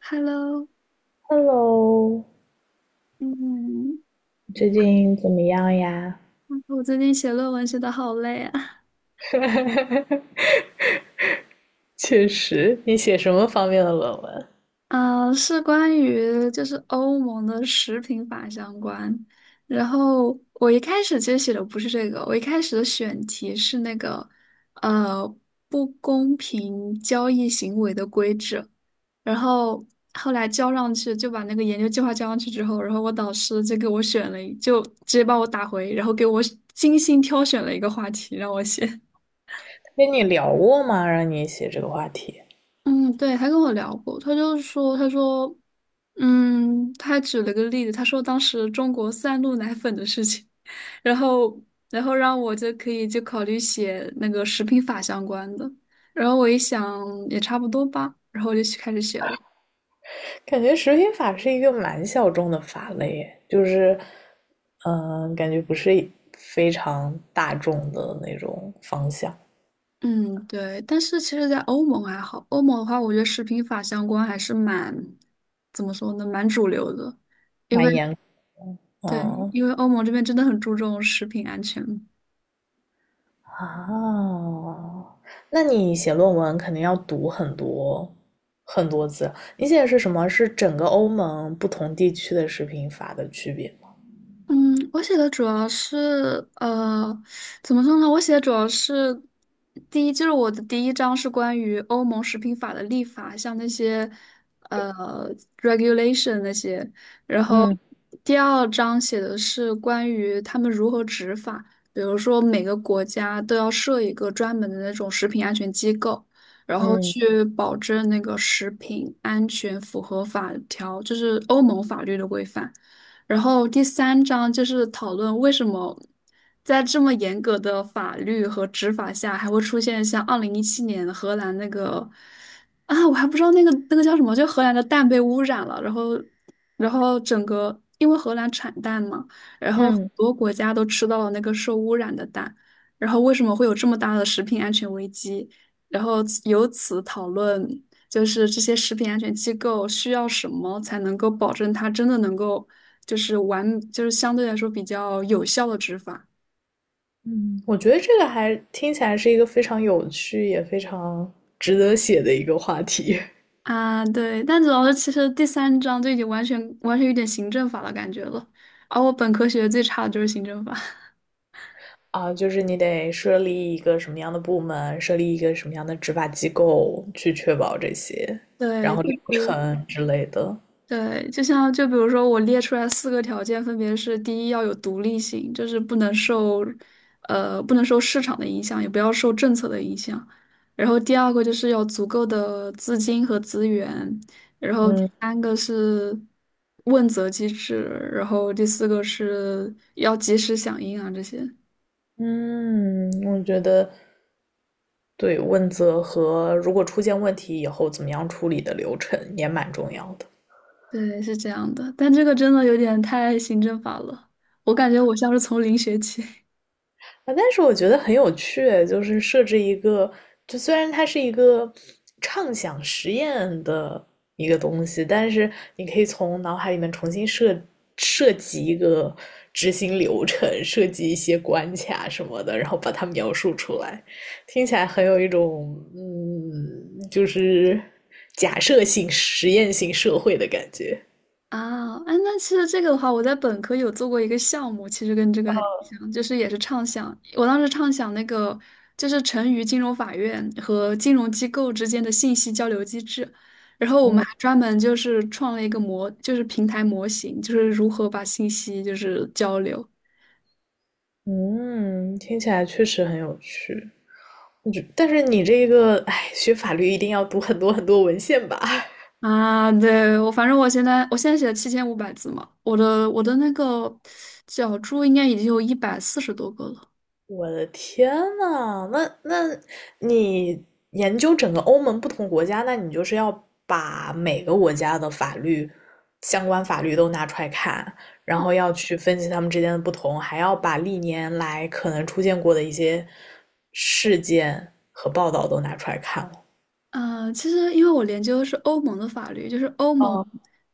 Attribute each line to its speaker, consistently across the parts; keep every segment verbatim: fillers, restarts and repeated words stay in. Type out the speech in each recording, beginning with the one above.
Speaker 1: Hello，
Speaker 2: Hello，
Speaker 1: 嗯，
Speaker 2: 最近怎么样呀？
Speaker 1: 哎我最近写论文写的好累啊。
Speaker 2: 确实，你写什么方面的论文？
Speaker 1: 啊，是关于就是欧盟的食品法相关。然后我一开始其实写的不是这个，我一开始的选题是那个呃不公平交易行为的规制。然后后来交上去，就把那个研究计划交上去之后，然后我导师就给我选了一，就直接把我打回，然后给我精心挑选了一个话题让我写。
Speaker 2: 跟你聊过吗？让你写这个话题，
Speaker 1: 嗯，对，他跟我聊过，他就是说，他说，嗯，他还举了个例子，他说当时中国三鹿奶粉的事情，然后，然后让我就可以就考虑写那个食品法相关的，然后我一想也差不多吧，然后我就去开始写了。
Speaker 2: 感觉食品法是一个蛮小众的法类就是，嗯、感觉不是非常大众的那种方向，
Speaker 1: 嗯，对，但是其实，在欧盟还好，欧盟的话，我觉得食品法相关还是蛮，怎么说呢，蛮主流的，因为
Speaker 2: 蛮严，
Speaker 1: 对，
Speaker 2: 嗯。
Speaker 1: 因为欧盟这边真的很注重食品安全。
Speaker 2: 啊，那你写论文肯定要读很多很多字。你写的是什么？是整个欧盟不同地区的食品法的区别。
Speaker 1: 嗯，我写的主要是呃，怎么说呢？我写的主要是第一，就是我的第一章是关于欧盟食品法的立法，像那些呃 regulation 那些。然后
Speaker 2: 嗯
Speaker 1: 第二章写的是关于他们如何执法，比如说每个国家都要设一个专门的那种食品安全机构，然后
Speaker 2: 嗯
Speaker 1: 去保证那个食品安全符合法条，就是欧盟法律的规范。然后第三章就是讨论为什么在这么严格的法律和执法下，还会出现像二零一七年荷兰那个啊，我还不知道那个那个叫什么，就荷兰的蛋被污染了，然后然后整个因为荷兰产蛋嘛，然后很
Speaker 2: 嗯
Speaker 1: 多国家都吃到了那个受污染的蛋，然后为什么会有这么大的食品安全危机？然后由此讨论，就是这些食品安全机构需要什么才能够保证它真的能够。就是完，就是相对来说比较有效的执法。
Speaker 2: 嗯，我觉得这个还听起来是一个非常有趣，也非常值得写的一个话题。
Speaker 1: 啊，对，但主要是其实第三章就已经完全完全有点行政法的感觉了，而我本科学的最差的就是行政法。
Speaker 2: 啊，就是你得设立一个什么样的部门，设立一个什么样的执法机构去确保这些，然
Speaker 1: 对，
Speaker 2: 后
Speaker 1: 就
Speaker 2: 流
Speaker 1: 是
Speaker 2: 程之类的。
Speaker 1: 对，就像就比如说，我列出来四个条件，分别是：第一，要有独立性，就是不能受，呃，不能受市场的影响，也不要受政策的影响；然后第二个就是要足够的资金和资源；然后第
Speaker 2: 嗯
Speaker 1: 三个是问责机制；然后第四个是要及时响应啊，这些。
Speaker 2: 嗯，我觉得对问责和如果出现问题以后怎么样处理的流程也蛮重要的。
Speaker 1: 对，是这样的，但这个真的有点太行政法了，我感觉我像是从零学起。
Speaker 2: 啊，但是我觉得很有趣，就是设置一个，就虽然它是一个畅想实验的一个东西，但是你可以从脑海里面重新设设计一个执行流程，设计一些关卡什么的，然后把它描述出来，听起来很有一种嗯，就是假设性、实验性社会的感觉。
Speaker 1: 啊，哎，那其实这个的话，我在本科有做过一个项目，其实跟这个还挺像，就是也是畅想。我当时畅想那个就是成渝金融法院和金融机构之间的信息交流机制，然后我们还专门就是创了一个模，就是平台模型，就是如何把信息就是交流。
Speaker 2: 嗯，听起来确实很有趣。但是你这个，哎，学法律一定要读很多很多文献吧？
Speaker 1: 啊，对，我反正我现在我现在写了七千五百字嘛，我的我的那个脚注应该已经有一百四十多个了。
Speaker 2: 我的天呐，那那你研究整个欧盟不同国家，那你就是要把每个国家的法律相关法律都拿出来看，然后要去分析他们之间的不同，还要把历年来可能出现过的一些事件和报道都拿出来看了。
Speaker 1: 呃，其实因为我研究的是欧盟的法律，就是欧盟，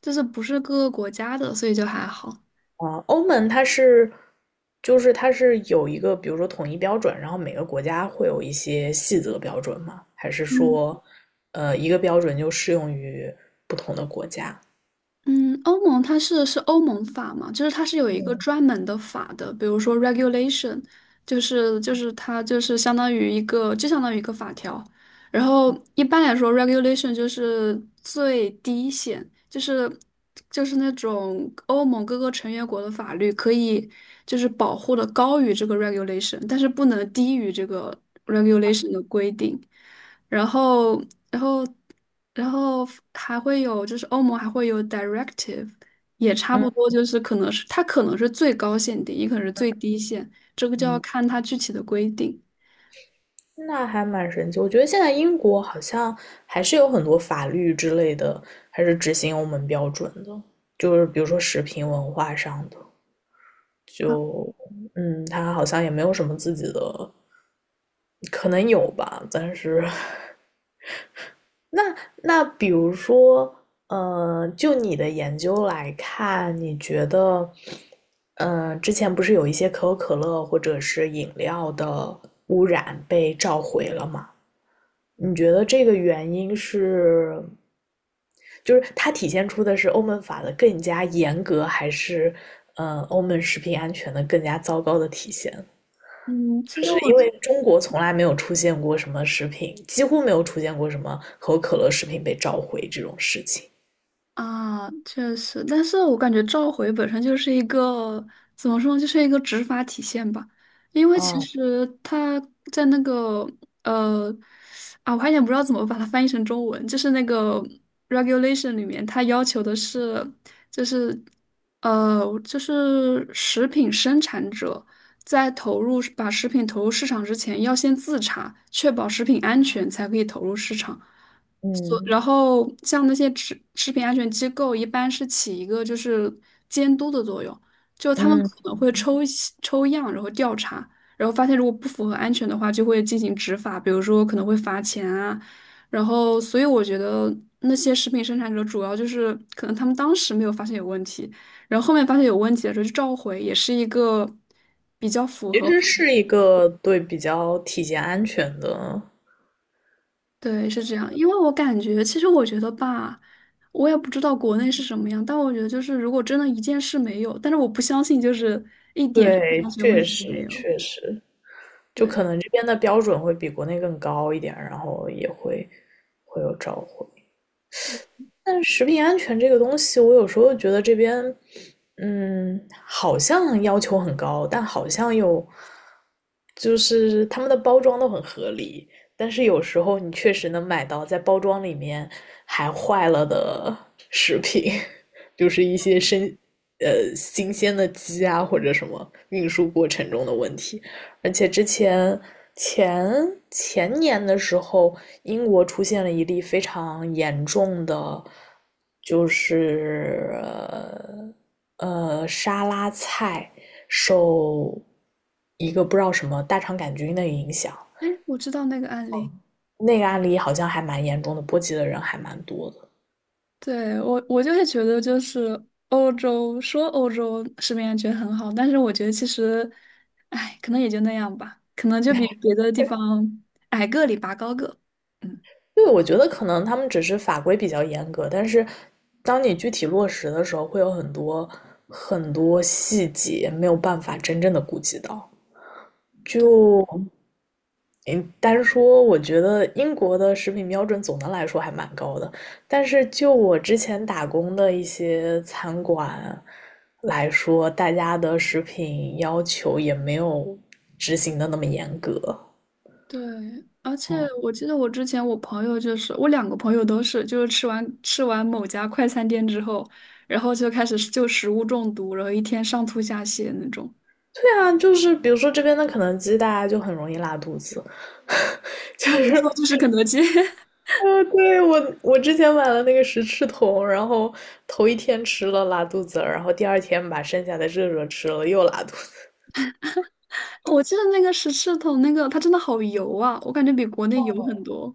Speaker 1: 就是不是各个国家的，所以就还好。
Speaker 2: 啊，欧盟它是，就是它是有一个，比如说统一标准，然后每个国家会有一些细则标准吗？还是
Speaker 1: 嗯。
Speaker 2: 说，呃，一个标准就适用于不同的国家？
Speaker 1: 嗯，欧盟它是是欧盟法嘛，就是它是有一个专门的法的，比如说 regulation，就是就是它就是相当于一个，就相当于一个法条。然后一般来说，regulation 就是最低限，就是就是那种欧盟各个成员国的法律可以就是保护的高于这个 regulation，但是不能低于这个 regulation 的规定。然后，然后。然后还会有，就是欧盟还会有 directive，也差
Speaker 2: 嗯
Speaker 1: 不多，就是可能是它可能是最高限定，也可能是最低限，这个就要
Speaker 2: 嗯，
Speaker 1: 看它具体的规定。
Speaker 2: 那还蛮神奇。我觉得现在英国好像还是有很多法律之类的，还是执行欧盟标准的，就是比如说食品文化上的，就嗯，它好像也没有什么自己的，可能有吧，但是 那那比如说，呃，就你的研究来看，你觉得，呃，之前不是有一些可口可乐或者是饮料的污染被召回了吗？你觉得这个原因是，就是它体现出的是欧盟法的更加严格，还是呃欧盟食品安全的更加糟糕的体现？
Speaker 1: 嗯，其
Speaker 2: 就
Speaker 1: 实
Speaker 2: 是
Speaker 1: 我
Speaker 2: 因
Speaker 1: 觉
Speaker 2: 为中国从来没有出现过什么食品，几乎没有出现过什么可口可乐食品被召回这种事情。
Speaker 1: 啊，确实，但是我感觉召回本身就是一个怎么说呢，就是一个执法体现吧。因为其
Speaker 2: 哦，
Speaker 1: 实他在那个呃啊，我还有点不知道怎么把它翻译成中文，就是那个 regulation 里面，它要求的是就是呃就是食品生产者在投入把食品投入市场之前，要先自查，确保食品安全才可以投入市场。所
Speaker 2: 嗯
Speaker 1: 然后像那些食食品安全机构，一般是起一个就是监督的作用，就他们可
Speaker 2: 嗯，
Speaker 1: 能会抽一些抽样，然后调查，然后发现如果不符合安全的话，就会进行执法，比如说可能会罚钱啊。然后，所以我觉得那些食品生产者主要就是可能他们当时没有发现有问题，然后后面发现有问题的时候就召回，也是一个比较符
Speaker 2: 其
Speaker 1: 合。
Speaker 2: 实是一个对比较体检安全的，
Speaker 1: 对，是这样，因为我感觉，其实我觉得吧，我也不知道国内是什么样，但我觉得就是，如果真的一件事没有，但是我不相信就是一点
Speaker 2: 对，
Speaker 1: 安全问
Speaker 2: 确
Speaker 1: 题都
Speaker 2: 实
Speaker 1: 没有。
Speaker 2: 确实，就
Speaker 1: 对，
Speaker 2: 可能这边的标准会比国内更高一点，然后也会会有召回。但是食品安全这个东西，我有时候觉得这边，嗯，好像要求很高，但好像又就是他们的包装都很合理，但是有时候你确实能买到在包装里面还坏了的食品，就是一些生，呃，新鲜的鸡啊或者什么运输过程中的问题。而且之前前前年的时候，英国出现了一例非常严重的，就是呃呃沙拉菜受一个不知道什么大肠杆菌的影响，
Speaker 1: 哎，我知道那个案例，
Speaker 2: 那个案例好像还蛮严重的，波及的人还蛮多的。
Speaker 1: 对，我我就是觉得就是欧洲说欧洲食品安全很好，但是我觉得其实，哎，可能也就那样吧，可能就比别的地方矮个里拔高个。嗯。
Speaker 2: 因为我觉得可能他们只是法规比较严格，但是当你具体落实的时候，会有很多很多细节没有办法真正的顾及到。
Speaker 1: 对。
Speaker 2: 嗯，单说我觉得英国的食品标准总的来说还蛮高的，但是就我之前打工的一些餐馆来说，大家的食品要求也没有执行的那么严格。
Speaker 1: 对，而且
Speaker 2: 嗯，
Speaker 1: 我记得我之前我朋友就是我两个朋友都是，就是吃完吃完某家快餐店之后，然后就开始就食物中毒，然后一天上吐下泻那种。
Speaker 2: 对啊，就是比如说这边的肯德基，大家就很容易拉肚子，就
Speaker 1: 啊，我说
Speaker 2: 是，
Speaker 1: 就是肯德基，
Speaker 2: 呃，对，我我之前买了那个十翅桶，然后头一天吃了拉肚子，然后第二天把剩下的热热吃了又拉肚
Speaker 1: 我记得那个十字桶那个它真的好油啊，我感觉比国内油很多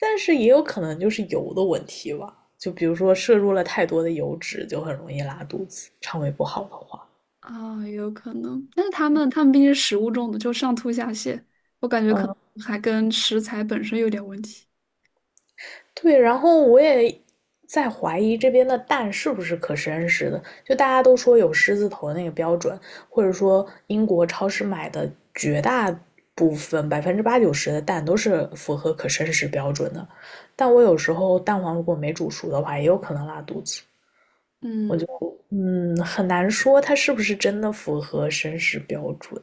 Speaker 2: 但是也有可能就是油的问题吧。就比如说摄入了太多的油脂，就很容易拉肚子，肠胃不好的话。
Speaker 1: 啊，有可能。但是他们他们毕竟是食物中毒，就上吐下泻，我感觉可
Speaker 2: 嗯，
Speaker 1: 能还跟食材本身有点问题。
Speaker 2: 对，然后我也在怀疑这边的蛋是不是可生食的，就大家都说有狮子头那个标准，或者说英国超市买的绝大部分百分之八九十的蛋都是符合可生食标准的，但我有时候蛋黄如果没煮熟的话，也有可能拉肚子。
Speaker 1: 嗯，
Speaker 2: 嗯，很难说他是不是真的符合绅士标准。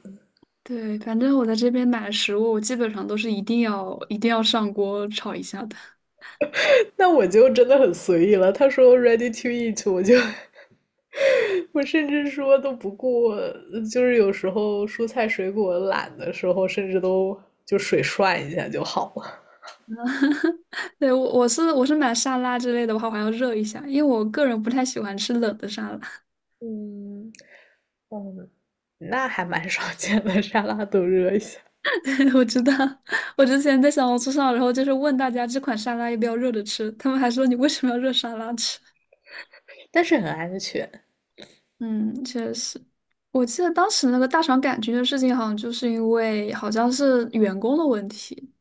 Speaker 1: 对，反正我在这边买食物，我基本上都是一定要一定要上锅炒一下的。
Speaker 2: 那我就真的很随意了。他说 ready to eat，我就 我甚至说都不顾，就是有时候蔬菜水果懒的时候，甚至都就水涮一下就好了。
Speaker 1: 对，我我是我是买沙拉之类的，我还我还要热一下，因为我个人不太喜欢吃冷的沙拉。
Speaker 2: 嗯嗯，那还蛮少见的，沙拉都热一下，
Speaker 1: 对，我知道，我之前在小红书上，然后就是问大家这款沙拉要不要热着吃，他们还说你为什么要热沙拉吃？
Speaker 2: 但是很安全
Speaker 1: 嗯，确实。我记得当时那个大肠杆菌的事情，好像就是因为好像是员工的问题，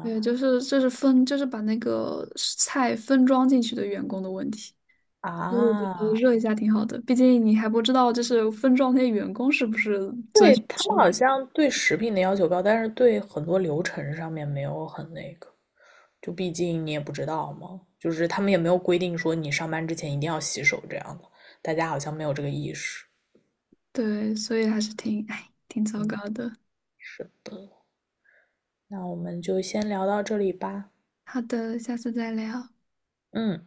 Speaker 1: 对，就是就是分就是把那个菜分装进去的员工的问题。我觉得
Speaker 2: 啊。
Speaker 1: 热一下挺好的，毕竟你还不知道就是分装那些员工是不是遵
Speaker 2: 对，
Speaker 1: 守
Speaker 2: 他
Speaker 1: 吃
Speaker 2: 们好
Speaker 1: 饭。
Speaker 2: 像对食品的要求高，但是对很多流程上面没有很那个，就毕竟你也不知道嘛，就是他们也没有规定说你上班之前一定要洗手这样的，大家好像没有这个意识。
Speaker 1: 对，所以还是挺，哎，挺糟糕
Speaker 2: 嗯，
Speaker 1: 的。
Speaker 2: 是的，那我们就先聊到这里吧。
Speaker 1: 好的，下次再聊。
Speaker 2: 嗯。